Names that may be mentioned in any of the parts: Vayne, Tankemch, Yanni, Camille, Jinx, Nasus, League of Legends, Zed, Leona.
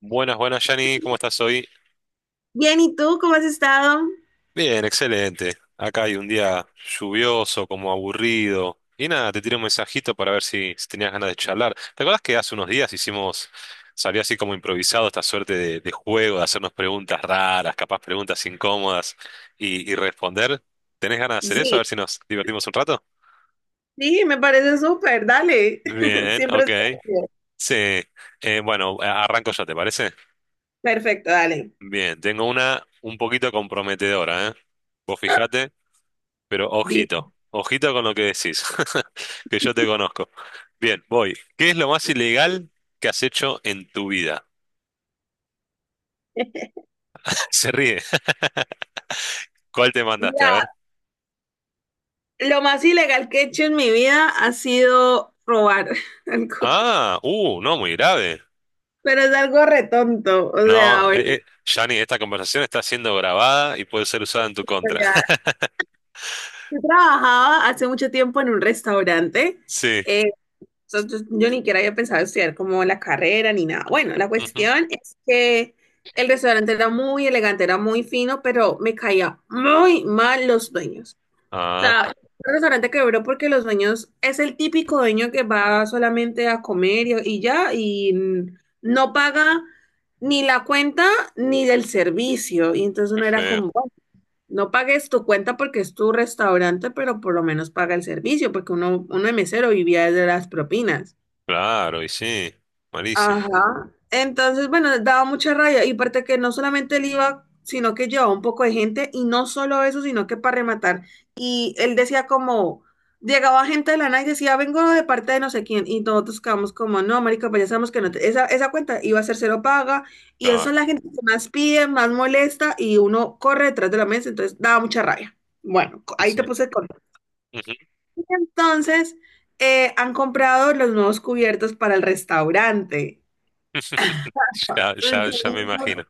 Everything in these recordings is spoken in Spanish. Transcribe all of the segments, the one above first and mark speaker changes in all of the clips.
Speaker 1: Buenas, buenas, Yanni, ¿cómo estás hoy?
Speaker 2: Bien, ¿y tú cómo has estado?
Speaker 1: Bien, excelente. Acá hay un día lluvioso, como aburrido. Y nada, te tiré un mensajito para ver si tenías ganas de charlar. ¿Te acuerdas que hace unos días hicimos, salió así como improvisado esta suerte de juego, de hacernos preguntas raras, capaz preguntas incómodas y responder? ¿Tenés ganas de hacer eso? A ver
Speaker 2: Sí,
Speaker 1: si nos divertimos un rato.
Speaker 2: sí, me parece súper, dale.
Speaker 1: Bien,
Speaker 2: Siempre
Speaker 1: ok.
Speaker 2: es divertido.
Speaker 1: Sí. Bueno, arranco ya, ¿te parece?
Speaker 2: Perfecto, dale.
Speaker 1: Bien, tengo una un poquito comprometedora, ¿eh? Vos fijate. Pero
Speaker 2: Di-
Speaker 1: ojito, ojito con lo que decís, que yo te conozco. Bien, voy. ¿Qué es lo más ilegal que has hecho en tu vida? Se ríe. ¿Cuál te mandaste? A
Speaker 2: Mira,
Speaker 1: ver.
Speaker 2: lo más ilegal que he hecho en mi vida ha sido robar algo,
Speaker 1: Ah, no, muy grave.
Speaker 2: pero es algo retonto. O
Speaker 1: No,
Speaker 2: sea, bueno,
Speaker 1: Gianni, esta conversación está siendo grabada y puede ser usada en tu
Speaker 2: o
Speaker 1: contra.
Speaker 2: sea, yo trabajaba hace mucho tiempo en un restaurante.
Speaker 1: Sí.
Speaker 2: eh, yo ni siquiera había pensado estudiar como la carrera ni nada. Bueno, la
Speaker 1: Ujú.
Speaker 2: cuestión es que el restaurante era muy elegante, era muy fino, pero me caía muy mal los dueños. O
Speaker 1: Ah,
Speaker 2: sea, un restaurante quebró porque los dueños es el típico dueño que va solamente a comer y ya, y no paga ni la cuenta ni del servicio. Y entonces
Speaker 1: qué
Speaker 2: uno era
Speaker 1: feo.
Speaker 2: como, "Bueno, no pagues tu cuenta porque es tu restaurante, pero por lo menos paga el servicio, porque uno de mesero vivía de las propinas.
Speaker 1: Claro, y sí. Malísimo.
Speaker 2: Ajá. Entonces, bueno, daba mucha rabia. Y aparte que no solamente él iba, sino que llevaba un poco de gente. Y no solo eso, sino que para rematar. Y él decía como, llegaba gente de la nada y decía, vengo de parte de no sé quién. Y nosotros quedamos como, no, marica, pues ya sabemos que no te- esa cuenta iba a ser cero paga. Y eso es
Speaker 1: Claro,
Speaker 2: la gente que más pide, más molesta. Y uno corre detrás de la mesa. Entonces, daba mucha rabia. Bueno, co-
Speaker 1: y
Speaker 2: ahí
Speaker 1: sí.
Speaker 2: te puse el contexto.
Speaker 1: Ujú.
Speaker 2: Entonces, han comprado los nuevos cubiertos para el restaurante.
Speaker 1: Ya, ya, ya me imagino.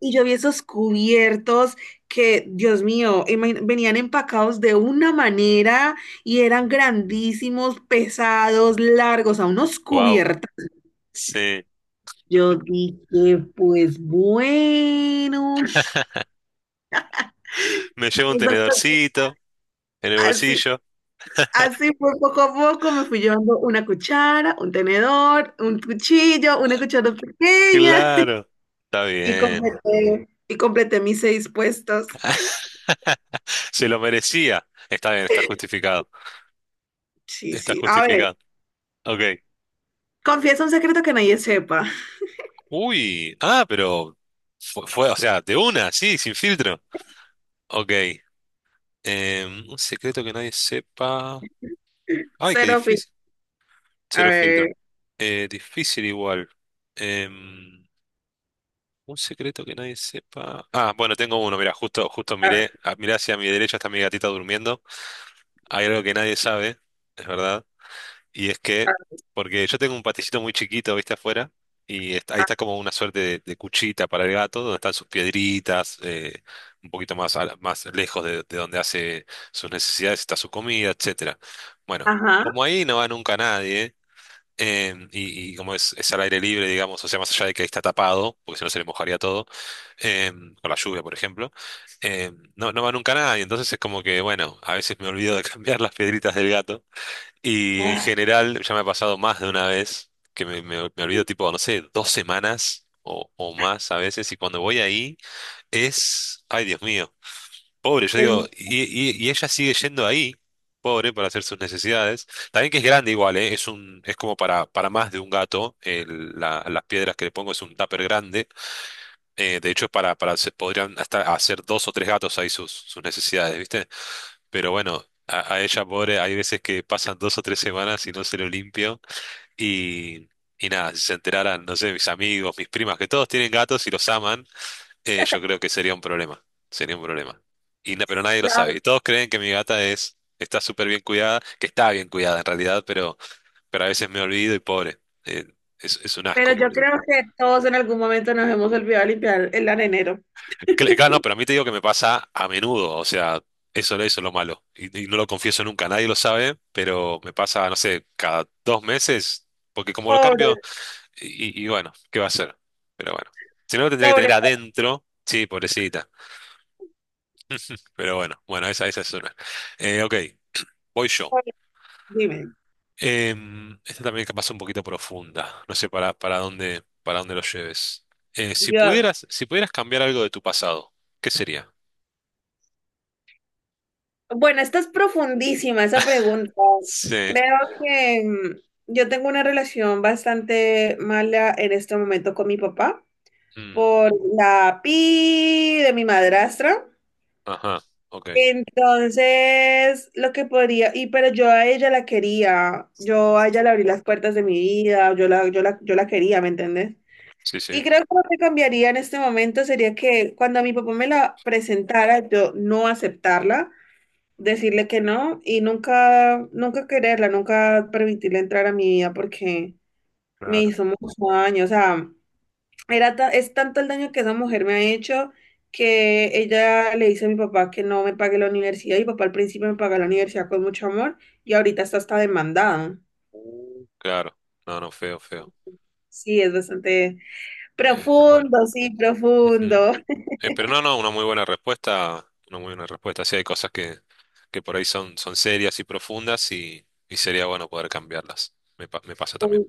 Speaker 2: Y yo vi esos cubiertos que, Dios mío, imagi- venían empacados de una manera y eran grandísimos, pesados, largos, a unos
Speaker 1: Wow.
Speaker 2: cubiertos.
Speaker 1: Sí.
Speaker 2: Yo dije, pues bueno,
Speaker 1: Me llevo un tenedorcito. En el
Speaker 2: así,
Speaker 1: bolsillo.
Speaker 2: así fue poco a poco, me fui llevando una cuchara, un tenedor, un cuchillo, una cuchara pequeña
Speaker 1: Claro. Está
Speaker 2: y
Speaker 1: bien.
Speaker 2: completé, y completé mis seis puestos.
Speaker 1: Se lo merecía. Está bien, está justificado.
Speaker 2: Sí,
Speaker 1: Está
Speaker 2: sí, a ver.
Speaker 1: justificado. Ok.
Speaker 2: Confiesa un secreto que nadie sepa.
Speaker 1: Uy. Ah, pero fue, o sea, de una, sí, sin filtro. Ok. Un secreto que nadie sepa. Ay, qué
Speaker 2: Cero pi-
Speaker 1: difícil.
Speaker 2: A
Speaker 1: Cero
Speaker 2: ver,
Speaker 1: filtro. Difícil igual. Em, un secreto que nadie sepa. Ah, bueno, tengo uno. Mira, justo, justo
Speaker 2: a ver,
Speaker 1: miré hacia mi derecha está mi gatita durmiendo. Hay algo que nadie sabe, es verdad. Y es
Speaker 2: a
Speaker 1: que,
Speaker 2: ver,
Speaker 1: porque yo tengo un paticito muy chiquito, viste, afuera, y ahí
Speaker 2: a-
Speaker 1: está como una suerte de cuchita para el gato, donde están sus piedritas, un poquito más, más lejos de donde hace sus necesidades, está su comida, etcétera. Bueno,
Speaker 2: ajá.
Speaker 1: como ahí no va nunca nadie, y como es al aire libre, digamos, o sea, más allá de que ahí está tapado, porque si no se le mojaría todo, con la lluvia, por ejemplo, no va nunca nadie, entonces es como que, bueno, a veces me olvido de cambiar las piedritas del gato. Y en
Speaker 2: Ah,
Speaker 1: general, ya me ha pasado más de una vez que me olvido tipo, no sé, 2 semanas o más a veces. Y cuando voy ahí es, ay Dios mío, pobre, yo digo,
Speaker 2: el-
Speaker 1: y ella sigue yendo ahí, pobre, para hacer sus necesidades. También que es grande igual, ¿eh? Es como para más de un gato. Las piedras que le pongo es un tupper grande. De hecho, podrían hasta hacer dos o tres gatos ahí sus necesidades, ¿viste? Pero bueno, a ella pobre, hay veces que pasan 2 o 3 semanas y no se lo limpio. Y, y nada, si se enteraran, no sé, mis amigos, mis primas, que todos tienen gatos y los aman, yo creo que sería un problema. Sería un problema. Pero nadie lo
Speaker 2: la-
Speaker 1: sabe. Y todos creen que mi gata está súper bien cuidada, que está bien cuidada en realidad, pero a veces me olvido y pobre. eh, es un
Speaker 2: pero
Speaker 1: asco,
Speaker 2: yo
Speaker 1: pobre.
Speaker 2: creo que todos en algún momento nos hemos olvidado limpiar el arenero.
Speaker 1: Claro, no, pero a mí te digo que me pasa a menudo, o sea, eso es lo malo. Y no lo confieso nunca, nadie lo sabe, pero me pasa, no sé, cada 2 meses, porque como lo cambio,
Speaker 2: Pobre,
Speaker 1: bueno, ¿qué va a hacer? Pero bueno, si no lo tendría que
Speaker 2: pobre,
Speaker 1: tener adentro, sí, pobrecita, pero bueno, bueno, esa es una. Ok, voy yo.
Speaker 2: pobre. Dime,
Speaker 1: Esta también capaz un poquito profunda, no sé para dónde lo lleves. Eh, si
Speaker 2: Dios.
Speaker 1: pudieras, si pudieras cambiar algo de tu pasado, ¿qué sería?
Speaker 2: Bueno, esta es profundísima, esa pregunta.
Speaker 1: Sí.
Speaker 2: Creo que yo tengo una relación bastante mala en este momento con mi papá
Speaker 1: Mm.
Speaker 2: por la pi de mi madrastra.
Speaker 1: Ajá, ok.
Speaker 2: Entonces, lo que podría, y pero yo a ella la quería, yo a ella le abrí las puertas de mi vida, yo la quería, ¿me entiendes?
Speaker 1: Sí,
Speaker 2: Y
Speaker 1: sí,
Speaker 2: creo que lo que cambiaría en este momento sería que cuando mi papá me la presentara, yo no aceptarla, decirle que no y nunca quererla, nunca permitirle entrar a mi vida porque me
Speaker 1: claro.
Speaker 2: hizo mucho daño, o sea, era ta- es tanto el daño que esa mujer me ha hecho que ella le dice a mi papá que no me pague la universidad. Y mi papá al principio me pagó la universidad con mucho amor y ahorita está hasta demandado.
Speaker 1: Claro. No, no, feo, feo.
Speaker 2: Sí, es bastante
Speaker 1: Bueno.
Speaker 2: profundo, sí,
Speaker 1: Ujú.
Speaker 2: profundo.
Speaker 1: Pero no, no, una muy buena respuesta. Una muy buena respuesta. Sí, hay cosas que por ahí son serias y profundas y sería bueno poder cambiarlas. Me pasa también.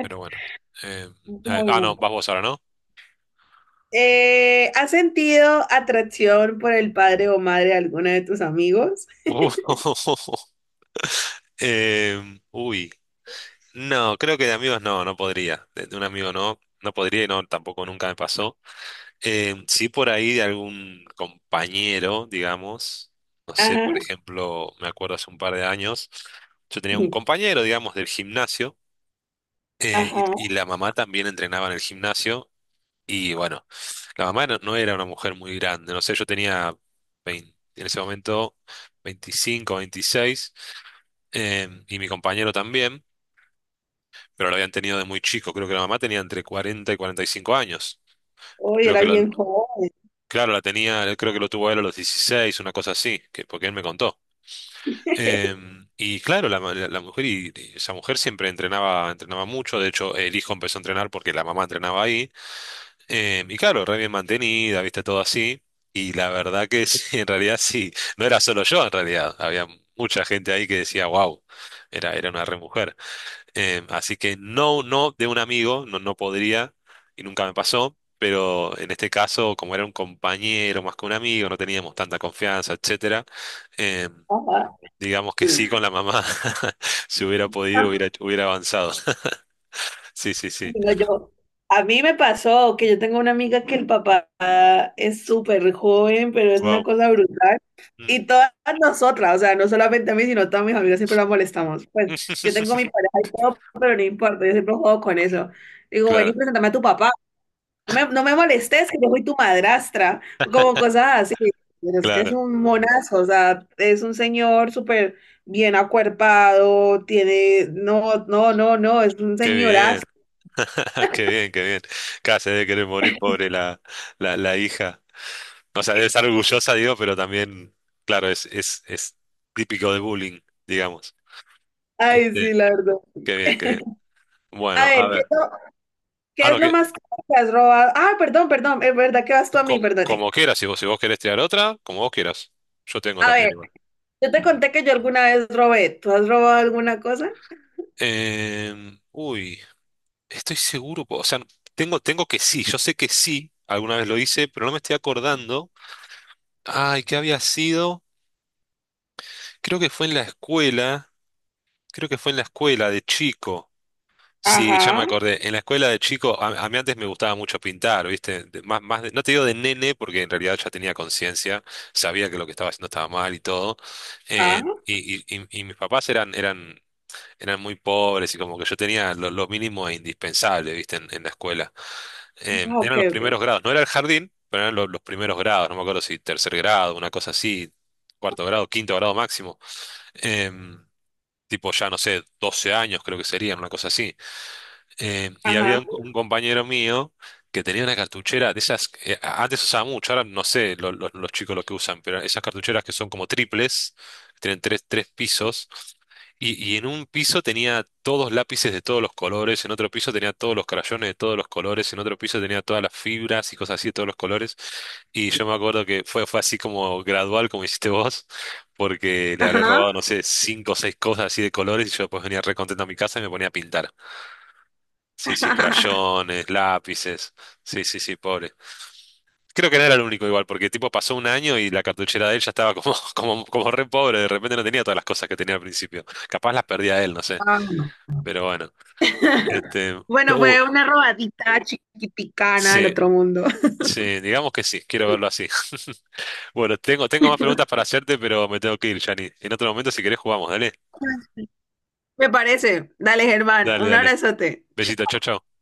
Speaker 1: Pero bueno. Eh,
Speaker 2: Bueno,
Speaker 1: no, vas vos ahora, ¿no?
Speaker 2: ¿has sentido atracción por el padre o madre de alguno de tus amigos?
Speaker 1: Uh, uy. No, creo que de amigos no podría. De un amigo no podría y no, tampoco nunca me pasó. Sí, por ahí de algún compañero, digamos, no sé,
Speaker 2: Ajá,
Speaker 1: por ejemplo, me acuerdo hace un par de años, yo tenía un compañero, digamos, del gimnasio, y,
Speaker 2: ajá.
Speaker 1: y la mamá también entrenaba en el gimnasio, y bueno, la mamá no era una mujer muy grande, no sé, yo tenía 20 en ese momento 25, 26, y mi compañero también, pero lo habían tenido de muy chico, creo que la mamá tenía entre 40 y 45 años.
Speaker 2: Hoy
Speaker 1: Creo
Speaker 2: era
Speaker 1: que lo-
Speaker 2: bien joven.
Speaker 1: Claro, la tenía, él creo que lo tuvo él a los 16, una cosa así, que porque él me contó. Y claro, la mujer y esa mujer siempre entrenaba, entrenaba mucho. De hecho, el hijo empezó a entrenar porque la mamá entrenaba ahí. Y claro, re bien mantenida, viste, todo así. Y la verdad que sí, en realidad sí. No era solo yo, en realidad. Había mucha gente ahí que decía, wow, era una re mujer. Así que no, no de un amigo, no podría y nunca me pasó, pero en este caso, como era un compañero más que un amigo, no teníamos tanta confianza, etcétera, em, digamos que sí con la mamá, si hubiera podido, hubiera,
Speaker 2: Ajá.
Speaker 1: hubiera avanzado. Sí, sí, sí.
Speaker 2: Bueno, yo, a mí me pasó que yo tengo una amiga que el papá es súper joven, pero es una
Speaker 1: Wow.
Speaker 2: cosa brutal. Y todas nosotras, o sea, no solamente a mí, sino a todas mis amigas siempre la molestamos. Pues yo tengo mi pareja y todo, pero no importa, yo siempre juego con eso. Digo, ven y
Speaker 1: Claro,
Speaker 2: preséntame a tu papá. No me molestes, que yo soy tu madrastra, o como cosas así. Pero es que es
Speaker 1: claro.
Speaker 2: un monazo, o sea, es un señor súper bien acuerpado, tiene, no, es un
Speaker 1: Qué
Speaker 2: señorazo.
Speaker 1: bien, qué bien, qué bien. Casi debe querer morir, pobre la hija. O sea, debe estar orgullosa, digo, pero también, claro, es típico de bullying, digamos.
Speaker 2: Ay,
Speaker 1: Este,
Speaker 2: sí, la verdad.
Speaker 1: qué bien, qué bien.
Speaker 2: A
Speaker 1: Bueno,
Speaker 2: ver,
Speaker 1: a ver. Ah,
Speaker 2: qué es
Speaker 1: no,
Speaker 2: lo
Speaker 1: que,
Speaker 2: más caro que has robado? Ah, perdón, es verdad que vas tú a mí,
Speaker 1: co-
Speaker 2: perdón.
Speaker 1: como, quieras, si vos querés tirar otra, como vos quieras. Yo tengo
Speaker 2: A
Speaker 1: también
Speaker 2: ver,
Speaker 1: igual.
Speaker 2: yo te
Speaker 1: Ujú.
Speaker 2: conté que yo alguna vez robé. ¿Tú has robado alguna cosa?
Speaker 1: Uy, estoy seguro, o sea, tengo que sí, yo sé que sí, alguna vez lo hice, pero no me estoy acordando. Ay, ¿qué había sido? Creo que fue en la escuela, creo que fue en la escuela de chico. Sí, ya me
Speaker 2: Ajá,
Speaker 1: acordé. En la escuela de chico, a mí antes me gustaba mucho pintar, ¿viste? Más, más no te digo de nene, porque en realidad ya tenía conciencia, sabía que lo que estaba haciendo estaba mal y todo.
Speaker 2: ajá.
Speaker 1: Y mis papás eran muy pobres y como que yo tenía lo mínimo e indispensable, ¿viste? En la escuela. Eh,
Speaker 2: Ah, ok,
Speaker 1: eran los
Speaker 2: ok.
Speaker 1: primeros grados, no era el jardín, pero eran los primeros grados, no me acuerdo si tercer grado, una cosa así, cuarto grado, quinto grado máximo. Em, tipo ya, no sé, 12 años creo que serían, una cosa así. Y había
Speaker 2: Ajá,
Speaker 1: un compañero mío que tenía una cartuchera de esas, que antes usaba mucho, ahora no sé los chicos lo que usan, pero esas cartucheras que son como triples, que tienen tres pisos, y en un piso tenía todos lápices de todos los colores, en otro piso tenía todos los crayones de todos los colores, en otro piso tenía todas las fibras y cosas así de todos los colores, y yo me acuerdo que fue así como gradual, como hiciste vos, porque le habré
Speaker 2: ajá.
Speaker 1: robado, no sé, cinco o seis cosas así de colores, y yo después venía re contento a mi casa y me ponía a pintar. Sí, sí, crayones, lápices. Sí, sí, sí, pobre. Creo que no era el único igual, porque tipo pasó un año y la cartuchera de él ya estaba como, como re pobre, de repente no tenía todas las cosas que tenía al principio. Capaz las perdía él, no sé.
Speaker 2: Ah, no.
Speaker 1: Pero bueno. Este,
Speaker 2: Bueno, fue una robadita chiquiticana del
Speaker 1: sí,
Speaker 2: otro mundo.
Speaker 1: sí, digamos que sí, quiero verlo así. Bueno, tengo más preguntas para hacerte, pero me tengo que ir, Jani. En otro momento, si querés, jugamos, dale.
Speaker 2: Me parece. Dale, Germán,
Speaker 1: Dale,
Speaker 2: un
Speaker 1: dale.
Speaker 2: abrazote.
Speaker 1: Besito, chau, chau.